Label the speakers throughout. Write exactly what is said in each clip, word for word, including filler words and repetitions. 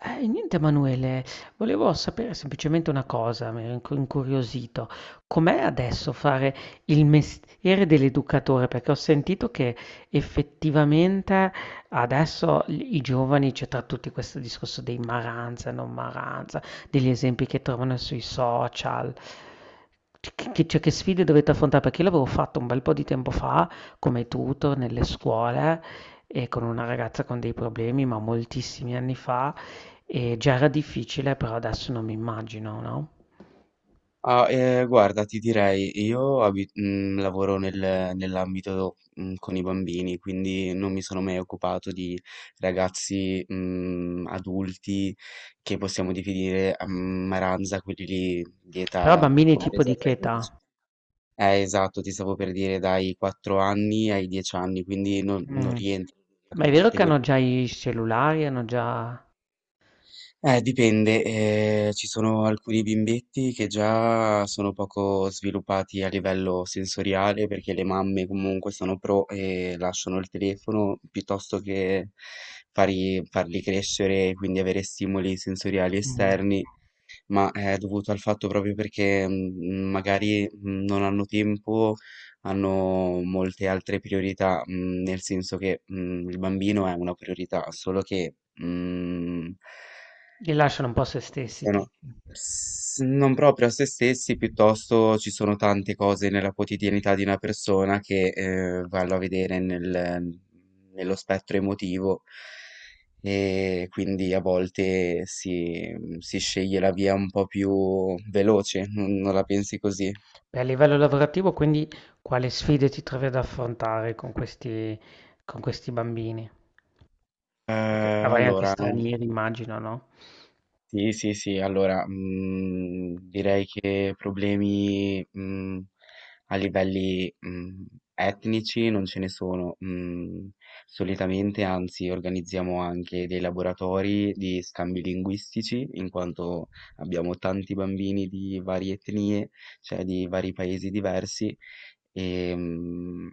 Speaker 1: Eh, niente Emanuele, volevo sapere semplicemente una cosa, mi ero incu- incuriosito. Com'è adesso fare il mestiere dell'educatore? Perché ho sentito che effettivamente adesso i i giovani, c'è tra tutti questo discorso dei maranza, non maranza, degli esempi che trovano sui social. Che, che- cioè, che sfide dovete affrontare? Perché io l'avevo fatto un bel po' di tempo fa come tutor nelle scuole e con una ragazza con dei problemi, ma moltissimi anni fa. E già era difficile, però adesso non mi immagino, no?
Speaker 2: Ah, eh, guarda, ti direi, io abi- mh, lavoro nel- nell'ambito mh, con i bambini, quindi non mi sono mai occupato di ragazzi mh, adulti che possiamo definire a maranza, quelli lì di
Speaker 1: Però
Speaker 2: età
Speaker 1: bambini tipo
Speaker 2: compresa
Speaker 1: di
Speaker 2: tra
Speaker 1: che
Speaker 2: i dodici.
Speaker 1: età?
Speaker 2: Eh, esatto, ti stavo per dire dai quattro anni ai dieci anni, quindi non, non
Speaker 1: Mm.
Speaker 2: rientro nella
Speaker 1: Ma è vero che
Speaker 2: categoria.
Speaker 1: hanno già i cellulari, hanno già...
Speaker 2: Eh, dipende, ehm, ci sono alcuni bimbetti che già sono poco sviluppati a livello sensoriale perché le mamme comunque sono pro e lasciano il telefono piuttosto che fari- farli crescere e quindi avere stimoli sensoriali
Speaker 1: Mm.
Speaker 2: esterni, ma è dovuto al fatto proprio perché mm, magari mm, non hanno tempo, hanno molte altre priorità, mm, nel senso che mm, il bambino è una priorità, solo che, mm,
Speaker 1: Li lasciano un po' a se
Speaker 2: ci
Speaker 1: stessi, dici.
Speaker 2: sono, s non proprio a se stessi, piuttosto ci sono tante cose nella quotidianità di una persona che, ehm, vanno a vedere nel nello spettro emotivo e quindi a volte si mhmm, si sceglie la via un po' più veloce, non non la pensi così?
Speaker 1: Beh, a livello lavorativo, quindi quale sfide ti trovi ad affrontare con questi, con questi bambini? Perché
Speaker 2: Ehm,
Speaker 1: avrai anche
Speaker 2: allora,
Speaker 1: stranieri, immagino, no?
Speaker 2: sì, sì, sì, allora, mhmm, direi che problemi, mhmm, a livelli, mhmm, etnici non ce ne sono. Mhmm, Solitamente, anzi, organizziamo anche dei laboratori di scambi linguistici, in quanto abbiamo tanti bambini di varie etnie, cioè di vari paesi diversi, e mm,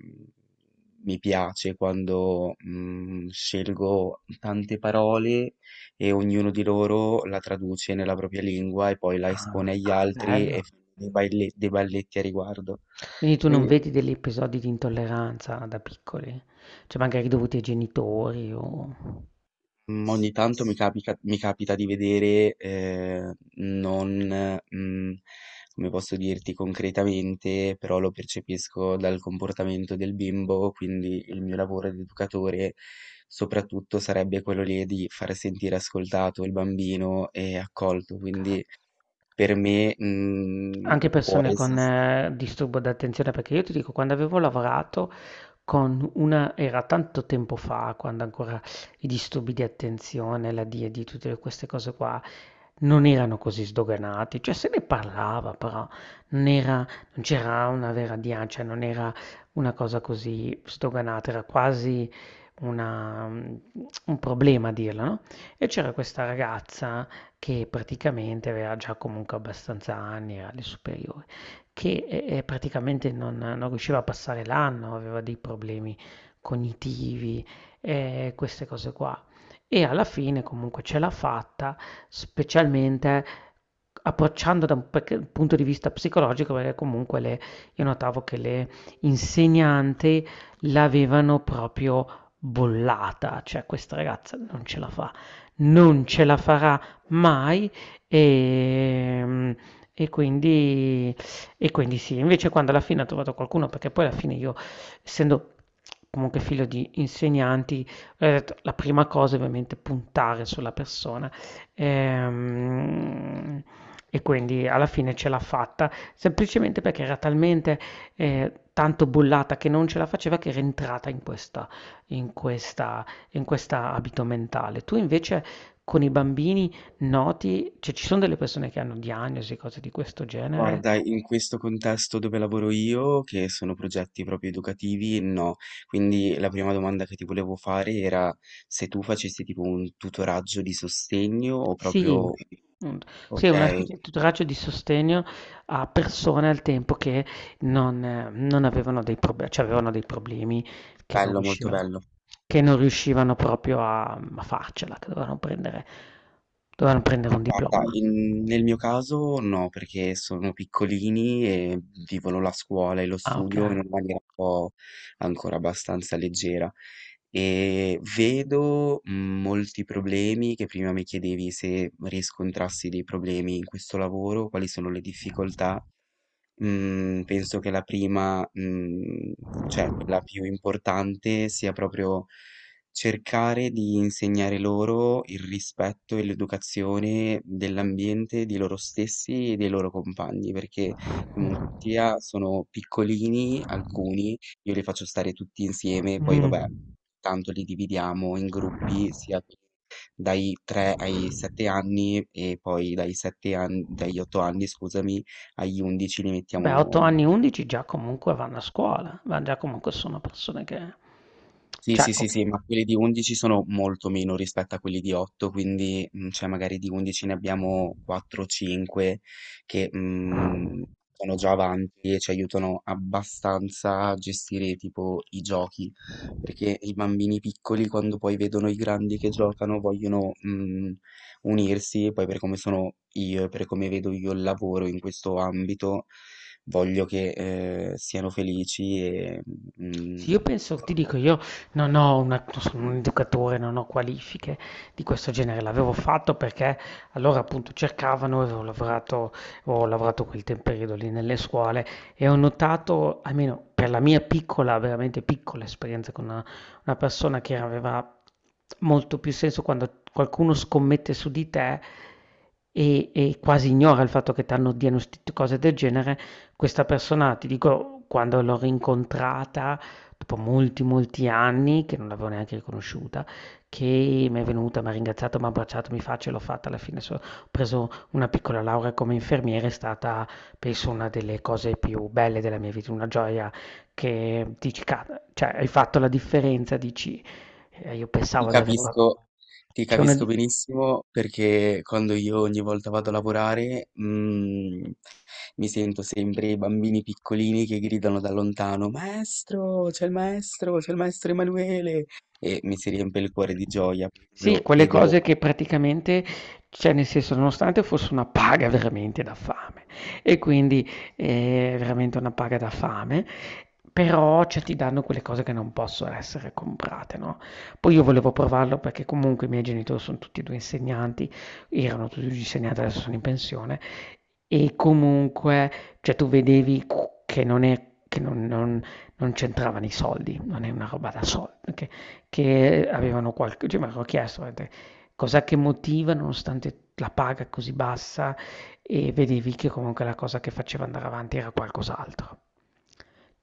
Speaker 2: mi piace quando mm, scelgo tante parole e ognuno di loro la traduce nella propria lingua e poi la
Speaker 1: Ah,
Speaker 2: espone agli altri
Speaker 1: bello.
Speaker 2: e fa dei baile- dei balletti a riguardo.
Speaker 1: Quindi tu non
Speaker 2: Quindi.
Speaker 1: vedi degli episodi di intolleranza da piccoli? Cioè magari dovuti ai genitori o...
Speaker 2: Mm, Ogni tanto mi capica- mi capita di vedere, eh, non, mm, come posso dirti concretamente, però lo percepisco dal comportamento del bimbo, quindi il mio lavoro di educatore soprattutto sarebbe quello lì di far sentire ascoltato il bambino e accolto,
Speaker 1: Ok.
Speaker 2: quindi per me, mm,
Speaker 1: Anche
Speaker 2: può
Speaker 1: persone con
Speaker 2: essere.
Speaker 1: eh, disturbo d'attenzione, perché io ti dico, quando avevo lavorato con una, era tanto tempo fa, quando ancora i disturbi di attenzione, la D I D, tutte queste cose qua, non erano così sdoganati, cioè se ne parlava, però non era, non c'era una vera D I A, cioè non era una cosa così sdoganata, era quasi una, mm, un problema a dirla, no? E c'era questa ragazza che praticamente aveva già comunque abbastanza anni, era alle superiori, che eh, eh, praticamente non, non riusciva a passare l'anno, aveva dei problemi cognitivi, eh, queste cose qua. E alla fine comunque ce l'ha fatta, specialmente approcciando da un perché- punto di vista psicologico, perché comunque le- io notavo che le insegnanti l'avevano proprio bollata, cioè questa ragazza non ce la fa, non ce la farà mai e, e quindi, e quindi sì, invece quando alla fine ha trovato qualcuno, perché poi alla fine io, essendo comunque figlio di insegnanti, ho detto, la prima cosa è ovviamente puntare sulla persona. Ehm, e quindi alla fine ce l'ha fatta, semplicemente perché era talmente eh, tanto bollata che non ce la faceva, che era entrata in questa in questa in questa abito mentale. Tu invece con i bambini noti, cioè ci son delle persone che hanno diagnosi, cose di questo genere?
Speaker 2: Guarda, in questo contesto dove lavoro io, che sono progetti proprio educativi, no. Quindi la prima domanda che ti volevo fare era se tu facessi tipo un tutoraggio di sostegno o
Speaker 1: Sì,
Speaker 2: proprio.
Speaker 1: mhmm, sì, è una
Speaker 2: Ok,
Speaker 1: specie di tutoraggio di sostegno a persone al tempo che non eh, non avevano dei proble cioè avevano dei problemi che non
Speaker 2: bello, molto
Speaker 1: riusciva
Speaker 2: bello.
Speaker 1: che non riuscivano proprio a a farcela, che dovevano prendere dovevano prendere un
Speaker 2: Guarda,
Speaker 1: diploma.
Speaker 2: in- nel mio caso no, perché sono piccolini e vivono la scuola e lo
Speaker 1: Ah,
Speaker 2: studio in
Speaker 1: okay.
Speaker 2: una maniera un po' ancora abbastanza leggera. Ehm, vedo, mhmm, molti problemi che prima mi chiedevi se riscontrassi dei problemi in questo lavoro, quali sono le difficoltà. Mm, penso che la prima, mm, cioè quella più importante, sia proprio cercare di insegnare loro il rispetto e l'educazione dell'ambiente, di loro stessi e dei loro compagni, perché comunque
Speaker 1: Mh.
Speaker 2: sia sono piccolini alcuni, io li faccio stare tutti insieme, poi vabbè,
Speaker 1: Mh.
Speaker 2: tanto li dividiamo in gruppi, sia dai tre ai sette anni e poi dai sette an- dagli otto anni, scusami, agli undici li
Speaker 1: Beh, a otto
Speaker 2: mettiamo.
Speaker 1: anni, undici già comunque vanno a scuola, ma già comunque sono persone che...
Speaker 2: Sì,
Speaker 1: Cioè,
Speaker 2: sì, sì, sì, ma quelli di undici sono molto meno rispetto a quelli di otto, quindi mm, cioè magari di undici ne abbiamo quattro o cinque che mm, sono già avanti e ci aiutano abbastanza a gestire tipo i giochi, perché i bambini piccoli quando poi vedono i grandi che giocano vogliono mm, unirsi, e poi per come sono io e per come vedo io il lavoro in questo ambito, voglio che eh, siano felici e...
Speaker 1: sì, io
Speaker 2: mm,
Speaker 1: penso, ti dico, io non ho una, non sono un educatore, non ho qualifiche di questo genere, l'avevo fatto perché allora appunto cercavano, avevo lavorato, ho lavorato quel tem- periodo lì nelle scuole e ho notato, almeno per la mia piccola, veramente piccola esperienza con una, una persona, che aveva molto più senso quando qualcuno scommette su di te e, e quasi ignora il fatto che ti hanno diagnosticato cose del genere, questa persona, ti dico, quando l'ho rincontrata, dopo molti, molti anni, che non l'avevo neanche riconosciuta, che mi è venuta, m'ha ringraziato, m'ha abbracciato, mi fa, ce l'ho fatta alla fine. So- ho preso una piccola laurea come infermiere, è stata, penso, una delle cose più belle della mia vita, una gioia che dici, "Ca- cioè, hai fatto la differenza", dici, eh, io
Speaker 2: Ti
Speaker 1: pensavo di averla.
Speaker 2: capisco, ti
Speaker 1: C'è una,
Speaker 2: capisco
Speaker 1: di-
Speaker 2: benissimo perché quando io ogni volta vado a lavorare, mm, mi sento sempre i bambini piccolini che gridano da lontano, Maestro, c'è il maestro, c'è il maestro Emanuele! E mi si riempie il cuore di gioia,
Speaker 1: Sì,
Speaker 2: proprio
Speaker 1: quelle
Speaker 2: vedo.
Speaker 1: cose che praticamente, cioè nel senso, nonostante fosse una paga veramente da fame, e quindi eh, è veramente una paga da fame, però cioè, ti danno quelle cose che non possono essere comprate, no? Poi io volevo provarlo perché comunque i miei genitori sono tutti e due insegnanti, erano tutti e due insegnanti, adesso sono in pensione, e comunque, cioè tu vedevi cu- che non è, che non, non- non c'entravano i soldi, non è una roba da soldi, che, che avevano qualche, cioè mi avevo chiesto eh, cos'è che motiva nonostante la paga così bassa e vedevi che comunque la cosa che faceva andare avanti era qualcos'altro.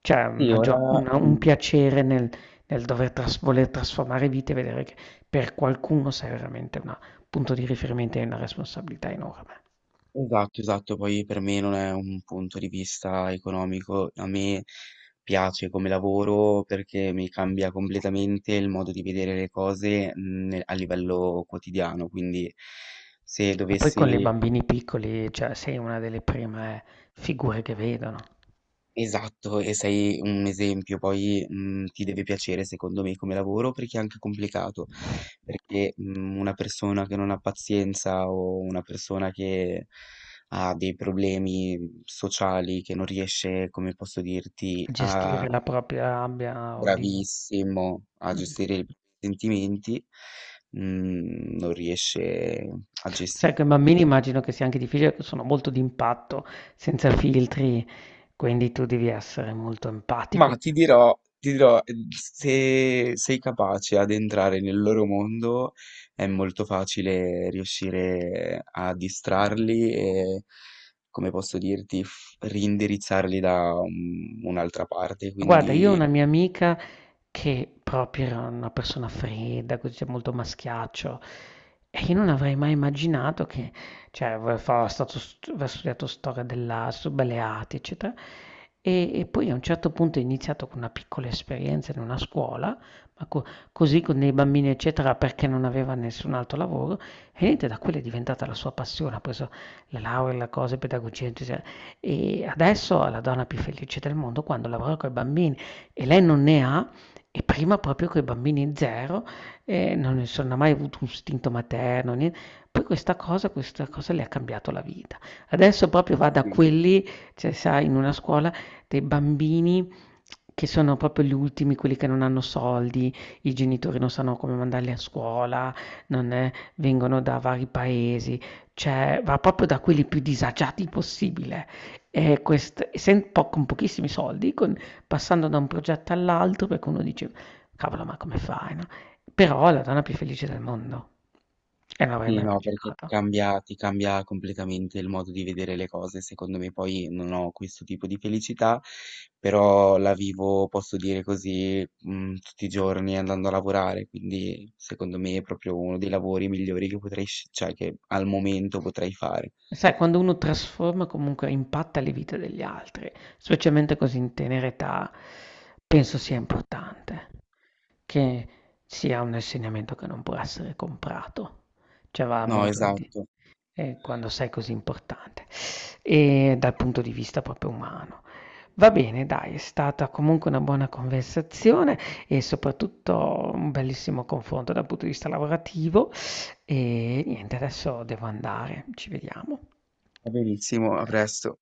Speaker 1: C'è
Speaker 2: Sì.
Speaker 1: una gio-
Speaker 2: ora
Speaker 1: una- Un
Speaker 2: mm,
Speaker 1: piacere nel, nel dover tras- voler trasformare vite e vedere che per qualcuno sei veramente un punto di riferimento e una responsabilità enorme.
Speaker 2: Esatto, esatto, poi per me non è un punto di vista economico, a me piace come lavoro perché mi cambia completamente il modo di vedere le cose mm, a livello quotidiano, quindi se
Speaker 1: Ma poi con i
Speaker 2: dovessi.
Speaker 1: bambini piccoli, cioè, sei una delle prime eh, figure che vedono.
Speaker 2: Esatto, e sei un esempio, poi, mhmm, ti deve piacere secondo me come lavoro perché è anche complicato, perché, mhmm, una persona che non ha pazienza o una persona che ha dei problemi mhmm, sociali, che non riesce, come posso dirti, a,
Speaker 1: Gestire la propria rabbia o di...
Speaker 2: bravissimo, a
Speaker 1: Mm.
Speaker 2: gestire i propri sentimenti, mhmm, non riesce a
Speaker 1: Sai,
Speaker 2: gestire.
Speaker 1: con i bambini immagino che sia anche difficile, perché sono molto d'impatto, senza filtri, quindi tu devi essere molto empatico.
Speaker 2: Ma ti dirò, ti dirò, eh, se sei capace ad entrare nel loro mondo è molto facile riuscire a distrarli e, come posso dirti, f- reindirizzarli da un- un'altra parte.
Speaker 1: Guarda, io ho
Speaker 2: Quindi
Speaker 1: una mia amica che proprio era una persona fredda, così, cioè molto maschiaccio, e io non avrei mai immaginato che, cioè, aveva fa- stato st- aveva studiato storia dell'arte, belle arti, eccetera, e, e poi a un certo punto è iniziato con una piccola esperienza in una scuola, ma co- così con dei bambini, eccetera, perché non aveva nessun altro lavoro, e niente, da quella è diventata la sua passione, ha preso la laurea, la cosa, in pedagogia, eccetera. E adesso è la donna più felice del mondo quando lavora con i bambini e lei non ne ha, e prima proprio con i bambini zero, eh, non ne sono mai avuto un istinto materno, niente. Poi questa cosa, questa cosa le ha cambiato la vita. Adesso proprio va da
Speaker 2: sì.
Speaker 1: quelli, cioè sai, in una scuola dei bambini che sono proprio gli ultimi, quelli che non hanno soldi, i genitori non sanno come mandarli a scuola, non è- vengono da vari paesi, cioè va proprio da quelli più disagiati possibile. E quest essen po con pochissimi soldi, con passando da un progetto all'altro, perché uno dice: "Cavolo, ma come fai, no?" Però è la donna più felice del mondo, e non l'avrei
Speaker 2: Sì,
Speaker 1: mai
Speaker 2: no, perché ti
Speaker 1: immaginata.
Speaker 2: cambia ti cambia completamente il modo di vedere le cose. Secondo me poi non ho questo tipo di felicità, però la vivo, posso dire così, mh, tutti i giorni andando a lavorare, quindi secondo me è proprio uno dei lavori migliori che potrei, sc- cioè che al momento potrei fare.
Speaker 1: Sai, quando uno trasforma, comunque impatta le vite degli altri, specialmente così in tenera età, penso sia importante che sia un insegnamento che non può essere comprato, cioè va
Speaker 2: No,
Speaker 1: molto al di
Speaker 2: esatto.
Speaker 1: eh, quando sei così importante e dal punto di vista proprio umano. Va bene, dai, è stata comunque una buona conversazione e soprattutto un bellissimo confronto dal punto di vista lavorativo e niente, adesso devo andare. Ci vediamo.
Speaker 2: Va benissimo, a
Speaker 1: Grazie.
Speaker 2: presto.